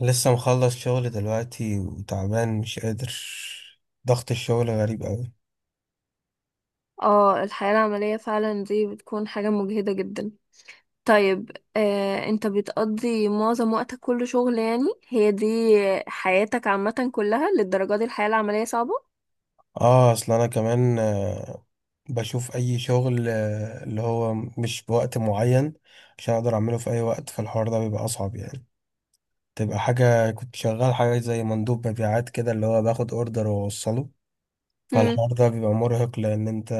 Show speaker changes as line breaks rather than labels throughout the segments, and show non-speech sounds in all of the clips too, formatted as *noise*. لسه مخلص شغل دلوقتي وتعبان مش قادر. ضغط الشغل غريب قوي.
اه، الحياة العملية فعلا دي بتكون حاجة مجهدة جدا. طيب. انت بتقضي معظم وقتك كله شغل، يعني هي دي حياتك عامة كلها للدرجة دي الحياة العملية صعبة؟
اه، اصل انا كمان بشوف اي شغل اللي هو مش بوقت معين عشان اقدر اعمله في اي وقت، فالحوار ده بيبقى اصعب يعني. تبقى حاجة، كنت شغال حاجة زي مندوب مبيعات كده، اللي هو باخد اوردر واوصله.
امم.
فالحوار ده بيبقى مرهق لان انت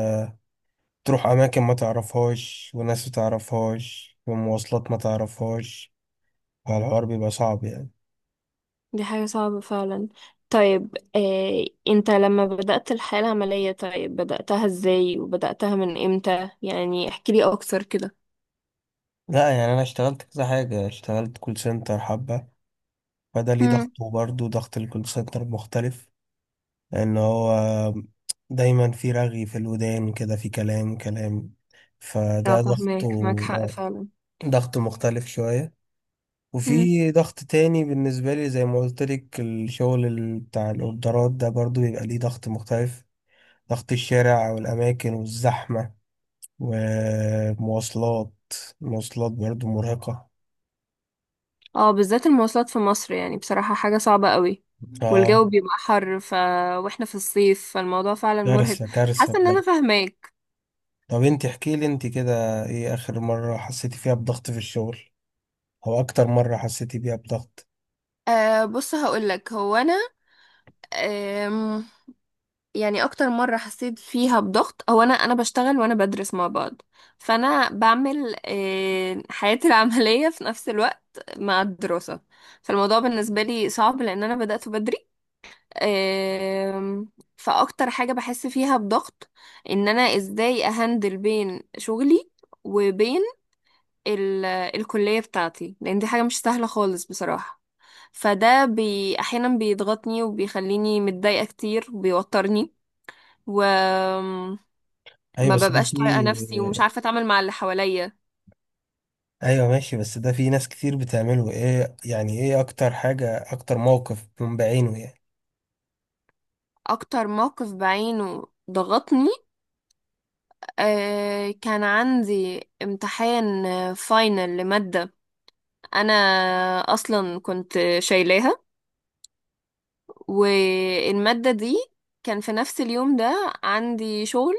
تروح اماكن ما تعرفهاش، وناس ما تعرفهاش، ومواصلات ما تعرفهاش. فالحوار بيبقى صعب يعني.
دي حاجة صعبة فعلا. طيب، انت لما بدأت الحياة العملية، طيب بدأتها ازاي وبدأتها من امتى؟ يعني احكيلي اكتر كده.
لا يعني، انا اشتغلت كذا حاجه، اشتغلت كول سنتر حبه. فده ليه
امم.
ضغطه، وبرضه ضغط الكول سنتر مختلف. لان هو دايما في رغي في الودان كده، في كلام كلام.
اه،
فده ضغطه.
فاهمك، معاك حق
آه،
فعلا.
ضغط مختلف شويه. وفي ضغط تاني بالنسبه لي، زي ما قلت لك، الشغل بتاع الاوردرات ده برضه بيبقى ليه ضغط مختلف. ضغط الشارع والاماكن والزحمه ومواصلات. المواصلات برضه مرهقه.
اه، بالذات المواصلات في مصر يعني بصراحة حاجة صعبة قوي.
اه،
والجو بيبقى حر واحنا في الصيف، فالموضوع فعلا مرهق.
كارثة كارثة
حاسة ان
بجد.
انا فاهماك.
طب انت احكي لي انت كده، ايه اخر مرة حسيتي فيها بضغط في الشغل؟ او اكتر مرة حسيتي بيها بضغط؟
بص، هقولك هو انا. أم يعني اكتر مرة حسيت فيها بضغط هو انا بشتغل وانا بدرس مع بعض. فانا بعمل حياتي *laughs* العملية في نفس الوقت مع الدراسة. فالموضوع بالنسبة لي صعب لان انا بدأت بدري. آم، فاكتر حاجة بحس فيها بضغط ان انا ازاي اهندل بين شغلي وبين الكلية بتاعتي، لان دي حاجة مش سهلة خالص بصراحة. فده احيانا بيضغطني وبيخليني متضايقة كتير وبيوترني، وما
ايوه بس ده
ببقاش
في.
طايقة نفسي ومش عارفة اتعامل مع اللي حواليا.
ايوه ماشي، بس ده في ناس كتير بتعمله، ايه يعني؟ ايه اكتر حاجة، اكتر موقف من بعينه يعني؟
اكتر موقف بعينه ضغطني، كان عندي امتحان فاينل لمادة، انا اصلا كنت شايلاها. والمادة دي كان في نفس اليوم ده عندي شغل،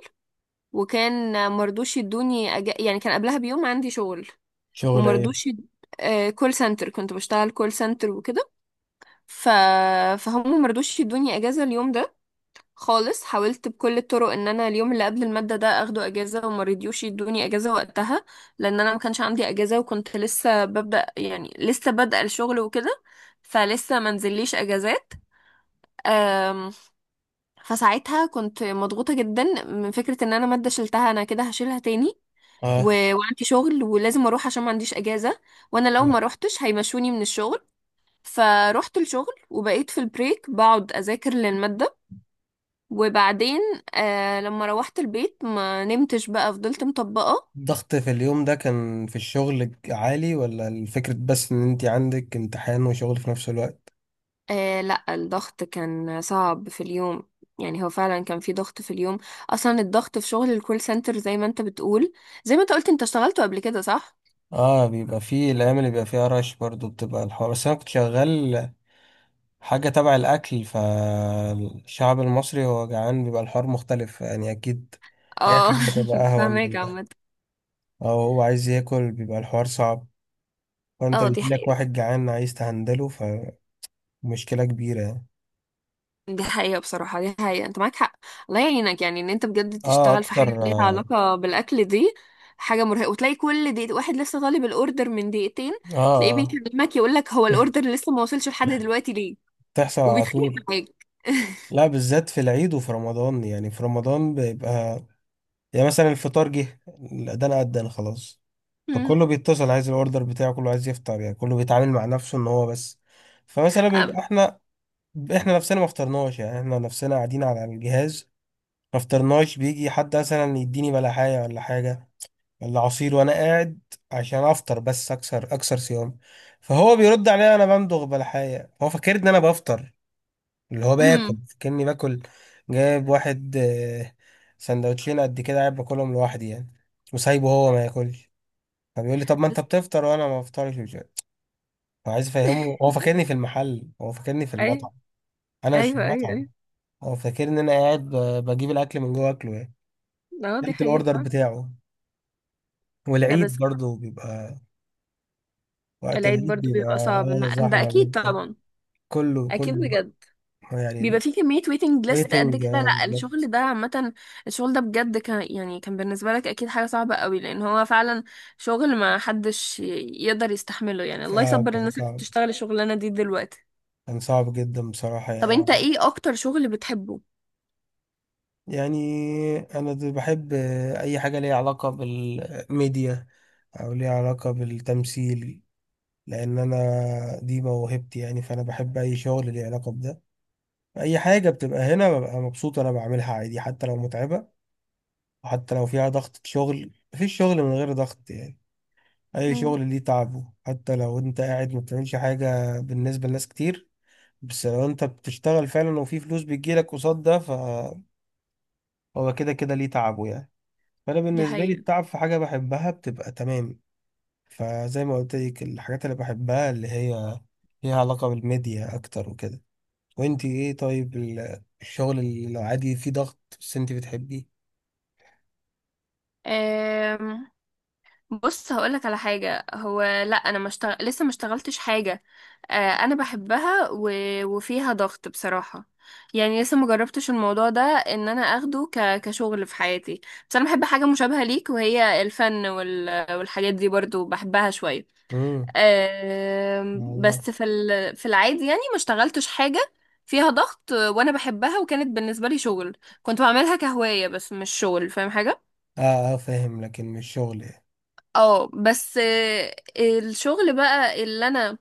وكان مرضوش يدوني يعني كان قبلها بيوم عندي شغل
شغل ايه؟
ومرضوش يد... كول سنتر، كنت بشتغل كول سنتر وكده. ف... فهم مرضوش يدوني اجازة اليوم ده خالص، حاولت بكل الطرق ان انا اليوم اللي قبل المادة ده اخده اجازة وما رضيوش يدوني اجازة وقتها، لان انا ما كانش عندي اجازة وكنت لسه ببدأ، يعني لسه بادئة الشغل وكده، فلسه ما نزليش اجازات. أم، فساعتها كنت مضغوطة جدا من فكرة ان انا مادة شلتها انا كده هشيلها تاني، و...
اه،
وعندي شغل ولازم اروح عشان ما عنديش اجازة، وانا لو ما روحتش هيمشوني من الشغل. فروحت الشغل وبقيت في البريك بقعد اذاكر للمادة، وبعدين لما روحت البيت ما نمتش، بقى فضلت مطبقة.
الضغط في اليوم ده كان في الشغل عالي، ولا الفكرة بس ان انت عندك امتحان وشغل في نفس الوقت؟
لا، الضغط كان صعب في اليوم، يعني هو فعلا كان في ضغط في اليوم. اصلا الضغط في شغل الكول سنتر زي ما انت بتقول، زي ما انت قلت، انت اشتغلته قبل كده، صح؟
اه، بيبقى فيه الايام اللي بيبقى فيها رش برضو بتبقى الحوار، بس انا كنت شغال حاجة تبع الأكل، فالشعب المصري هو جعان بيبقى الحوار مختلف يعني، أكيد أي
اه.
حاجة هتبقى
*laughs*
أهون
فاهمك
من ده.
عامة.
أو هو عايز ياكل بيبقى الحوار صعب، فأنت
اه، دي
بيجيلك
حقيقة.
واحد جعان عايز تهندله، فمشكلة كبيرة يعني.
دي حقيقة بصراحة، دي حقيقة، انت معاك حق. الله يعينك يعني ان انت بجد
آه
تشتغل في
أكتر
حاجة ليها
آه.
علاقة بالأكل دي. حاجة مرهقة، وتلاقي كل دقيقة واحد لسه طالب الأوردر من دقيقتين، تلاقيه
آه
بيكلمك يقول لك هو الأوردر
*laughs*
لسه ما وصلش لحد دلوقتي ليه،
تحصل على
وبيتخانق
طول.
معاك.
لا بالذات في العيد وفي رمضان، يعني في رمضان بيبقى، يعني مثلا الفطار جه، الأذان أذن خلاص،
*laughs* أمم.
فكله بيتصل عايز الاوردر بتاعه، كله عايز يفطر، يعني كله بيتعامل مع نفسه ان هو بس. فمثلا بيبقى احنا نفسنا ما فطرناش، يعني احنا نفسنا قاعدين على الجهاز ما فطرناش، بيجي حد مثلا يديني بلحاية ولا حاجة ولا عصير، وانا قاعد عشان افطر بس، اكسر اكسر صيام. فهو بيرد عليا، انا بمضغ بلحاية هو فاكر ان انا بفطر، اللي هو باكل
أمم.
كأني باكل. جايب واحد سندوتشين قد كده قاعد باكلهم لوحدي يعني، وسايبه هو ما ياكلش. فبيقول لي طب ما انت
بس،
بتفطر وانا ما بفطرش، فعايز افهمه، هو فاكرني في المحل، هو فاكرني في
اي.
المطعم، انا مش في
ايوه، ايوه، ايوه.
المطعم. هو فاكرني ان انا قاعد بجيب الاكل من جوه اكله يعني.
اه، دي
قلت الاوردر
حقيقة.
بتاعه.
لا
والعيد
بس،
برضه بيبقى، وقت
العيد
العيد
برضو
بيبقى
بيبقى صعب، ده
زحمه
اكيد
جدا.
طبعا.
كله
اكيد
كله بقى
بجد، بيبقى
يعني.
في كمية waiting list قد *laughs*
الويتنج
كده.
اه،
لا، الشغل
بالظبط.
ده عامة، الشغل ده بجد كان، يعني كان بالنسبة لك أكيد حاجة صعبة قوي لأن هو فعلا شغل ما حدش يقدر يستحمله، يعني الله
اه،
يصبر
كان
الناس اللي
صعب،
بتشتغل الشغلانة دي دلوقتي.
كان صعب جدا بصراحه
طب
يعني.
أنت إيه أكتر شغل بتحبه؟
يعني انا بحب اي حاجه ليها علاقه بالميديا، او ليها علاقه بالتمثيل، لان انا دي موهبتي يعني. فانا بحب اي شغل ليه علاقه بده، اي حاجه بتبقى هنا ببقى مبسوط انا بعملها عادي، حتى لو متعبه، وحتى لو فيها ضغط شغل. مفيش شغل من غير ضغط يعني، اي
مم.
شغل ليه تعبه. حتى لو انت قاعد ما بتعملش حاجه بالنسبه لناس كتير، بس لو انت بتشتغل فعلا وفي فلوس بتجيلك قصاد ده، فهو كده كده ليه تعبه يعني. فانا
دي
بالنسبه لي،
حقيقة.
التعب في حاجه بحبها بتبقى تمام. فزي ما قلت لك، الحاجات اللي بحبها اللي هي ليها علاقه بالميديا اكتر وكده. وانت ايه طيب، الشغل اللي عادي فيه ضغط بس انت بتحبيه؟
أم... بص، هقولك على حاجة، هو لا انا ما مشتغل... لسه ما اشتغلتش حاجة انا بحبها و... وفيها ضغط بصراحة، يعني لسه ما جربتش الموضوع ده ان انا اخده كشغل في حياتي. بس انا بحب حاجة مشابهة ليك، وهي الفن وال... والحاجات دي برضو بحبها شوية.
امم. والله.
بس في العادي يعني ما اشتغلتش حاجة فيها ضغط وانا بحبها وكانت بالنسبة لي شغل. كنت بعملها كهواية بس مش شغل، فاهم حاجة؟
اه اه فاهم، لكن مش شغل يعني.
اه بس، الشغل بقى اللي انا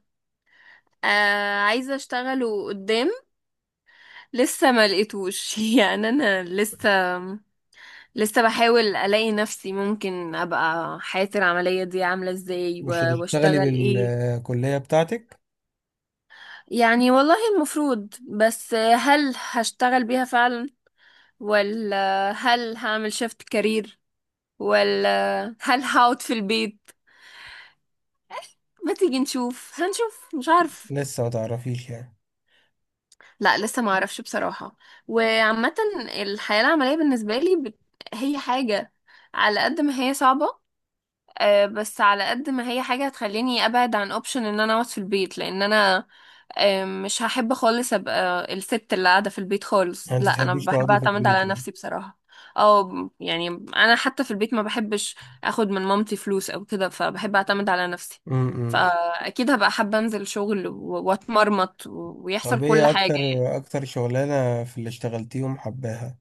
عايزة اشتغله قدام لسه ما لقيتوش. *laughs* يعني انا لسه بحاول الاقي نفسي، ممكن ابقى حياتي العملية دي عاملة ازاي
مش
و-
هتشتغلي
واشتغل ايه.
بالكلية بتاعتك؟
يعني والله المفروض، بس هل هشتغل بيها فعلا، ولا هل هعمل شيفت كارير، ولا هل هقعد في البيت؟ ما تيجي نشوف، هنشوف، مش عارف.
لسه ما تعرفيش يعني؟
لا، لسه ما اعرفش بصراحة. وعامة الحياة العملية بالنسبة لي هي حاجة، على قد ما هي صعبة، بس على قد ما هي حاجة هتخليني ابعد عن اوبشن ان انا اقعد في البيت. لان انا مش هحب خالص ابقى الست اللي قاعدة في البيت خالص،
يعني انت
لا انا
تحبيش
بحب
تقعدي في
اعتمد
البيت
على
يعني؟
نفسي بصراحة. او يعني انا حتى في البيت ما بحبش اخد من مامتي فلوس او كده، فبحب اعتمد على نفسي.
امم.
فاكيد هبقى حابة انزل شغل و- واتمرمط و- ويحصل
طب
كل
ايه
حاجة.
اكتر شغلانة في اللي اشتغلتيهم حباها،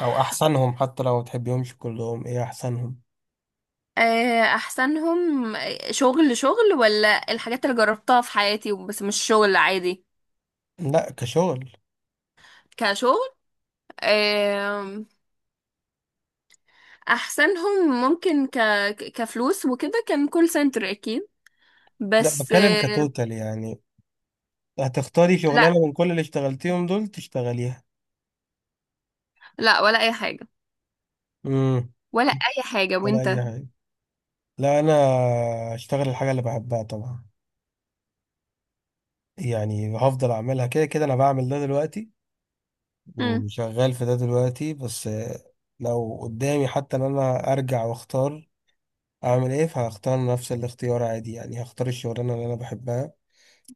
او احسنهم، حتى لو ما تحبيهمش كلهم، ايه احسنهم؟
احسنهم شغل، شغل ولا الحاجات اللي جربتها في حياتي بس مش شغل عادي؟
لا كشغل.
كشغل. آم، احسنهم ممكن ك... ك- كفلوس وكده كان كول سنتر اكيد.
لا
بس
بتكلم كتوتال يعني، هتختاري
لا،
شغلانة من كل اللي اشتغلتيهم دول تشتغليها.
لا، ولا اي حاجة،
امم.
ولا اي حاجة.
ولا
وانت؟
اي حاجه. لا انا اشتغل الحاجه اللي بحبها طبعا، يعني هفضل اعملها. كده كده انا بعمل ده دلوقتي
مم.
وشغال في ده دلوقتي. بس لو قدامي حتى ان انا ارجع واختار اعمل ايه، فهختار نفس الاختيار عادي، يعني هختار الشغلانه اللي انا بحبها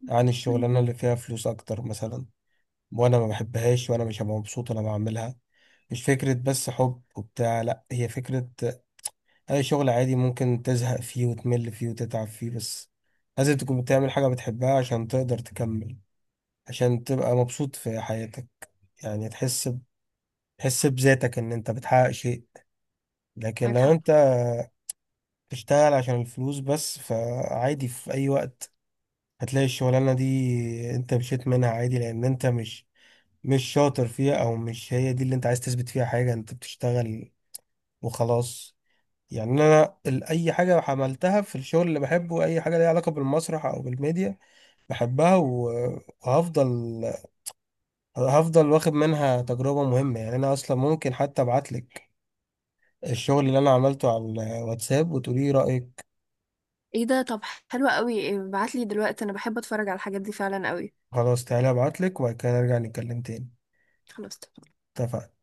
عن
مم.
الشغلانه اللي فيها فلوس اكتر مثلا، وانا ما بحبهاش وانا مش هبقى مبسوط وانا بعملها. مش فكره بس حب وبتاع، لا هي فكره. اي شغل عادي ممكن تزهق فيه وتمل فيه وتتعب فيه، بس لازم تكون بتعمل حاجة بتحبها عشان تقدر تكمل، عشان تبقى مبسوط في حياتك، يعني تحس تحس بذاتك ان انت بتحقق شيء. لكن
معاك
لو
حق.
انت بتشتغل عشان الفلوس بس، فعادي في اي وقت هتلاقي الشغلانة دي انت مشيت منها عادي، لان انت مش شاطر فيها، او مش هي دي اللي انت عايز تثبت فيها حاجة، انت بتشتغل وخلاص. يعني انا اي حاجه عملتها في الشغل اللي بحبه، اي حاجه ليها علاقه بالمسرح او بالميديا، بحبها وهفضل واخد منها تجربه مهمه يعني. انا اصلا ممكن حتى ابعت لك الشغل اللي انا عملته على الواتساب وتقولي رايك.
ايه ده؟ طب، حلوة قوي، ابعتلي دلوقتي، انا بحب اتفرج على الحاجات دي فعلا قوي.
خلاص تعالى ابعت لك وبعد كده نرجع نتكلم تاني.
خلاص.
اتفقنا.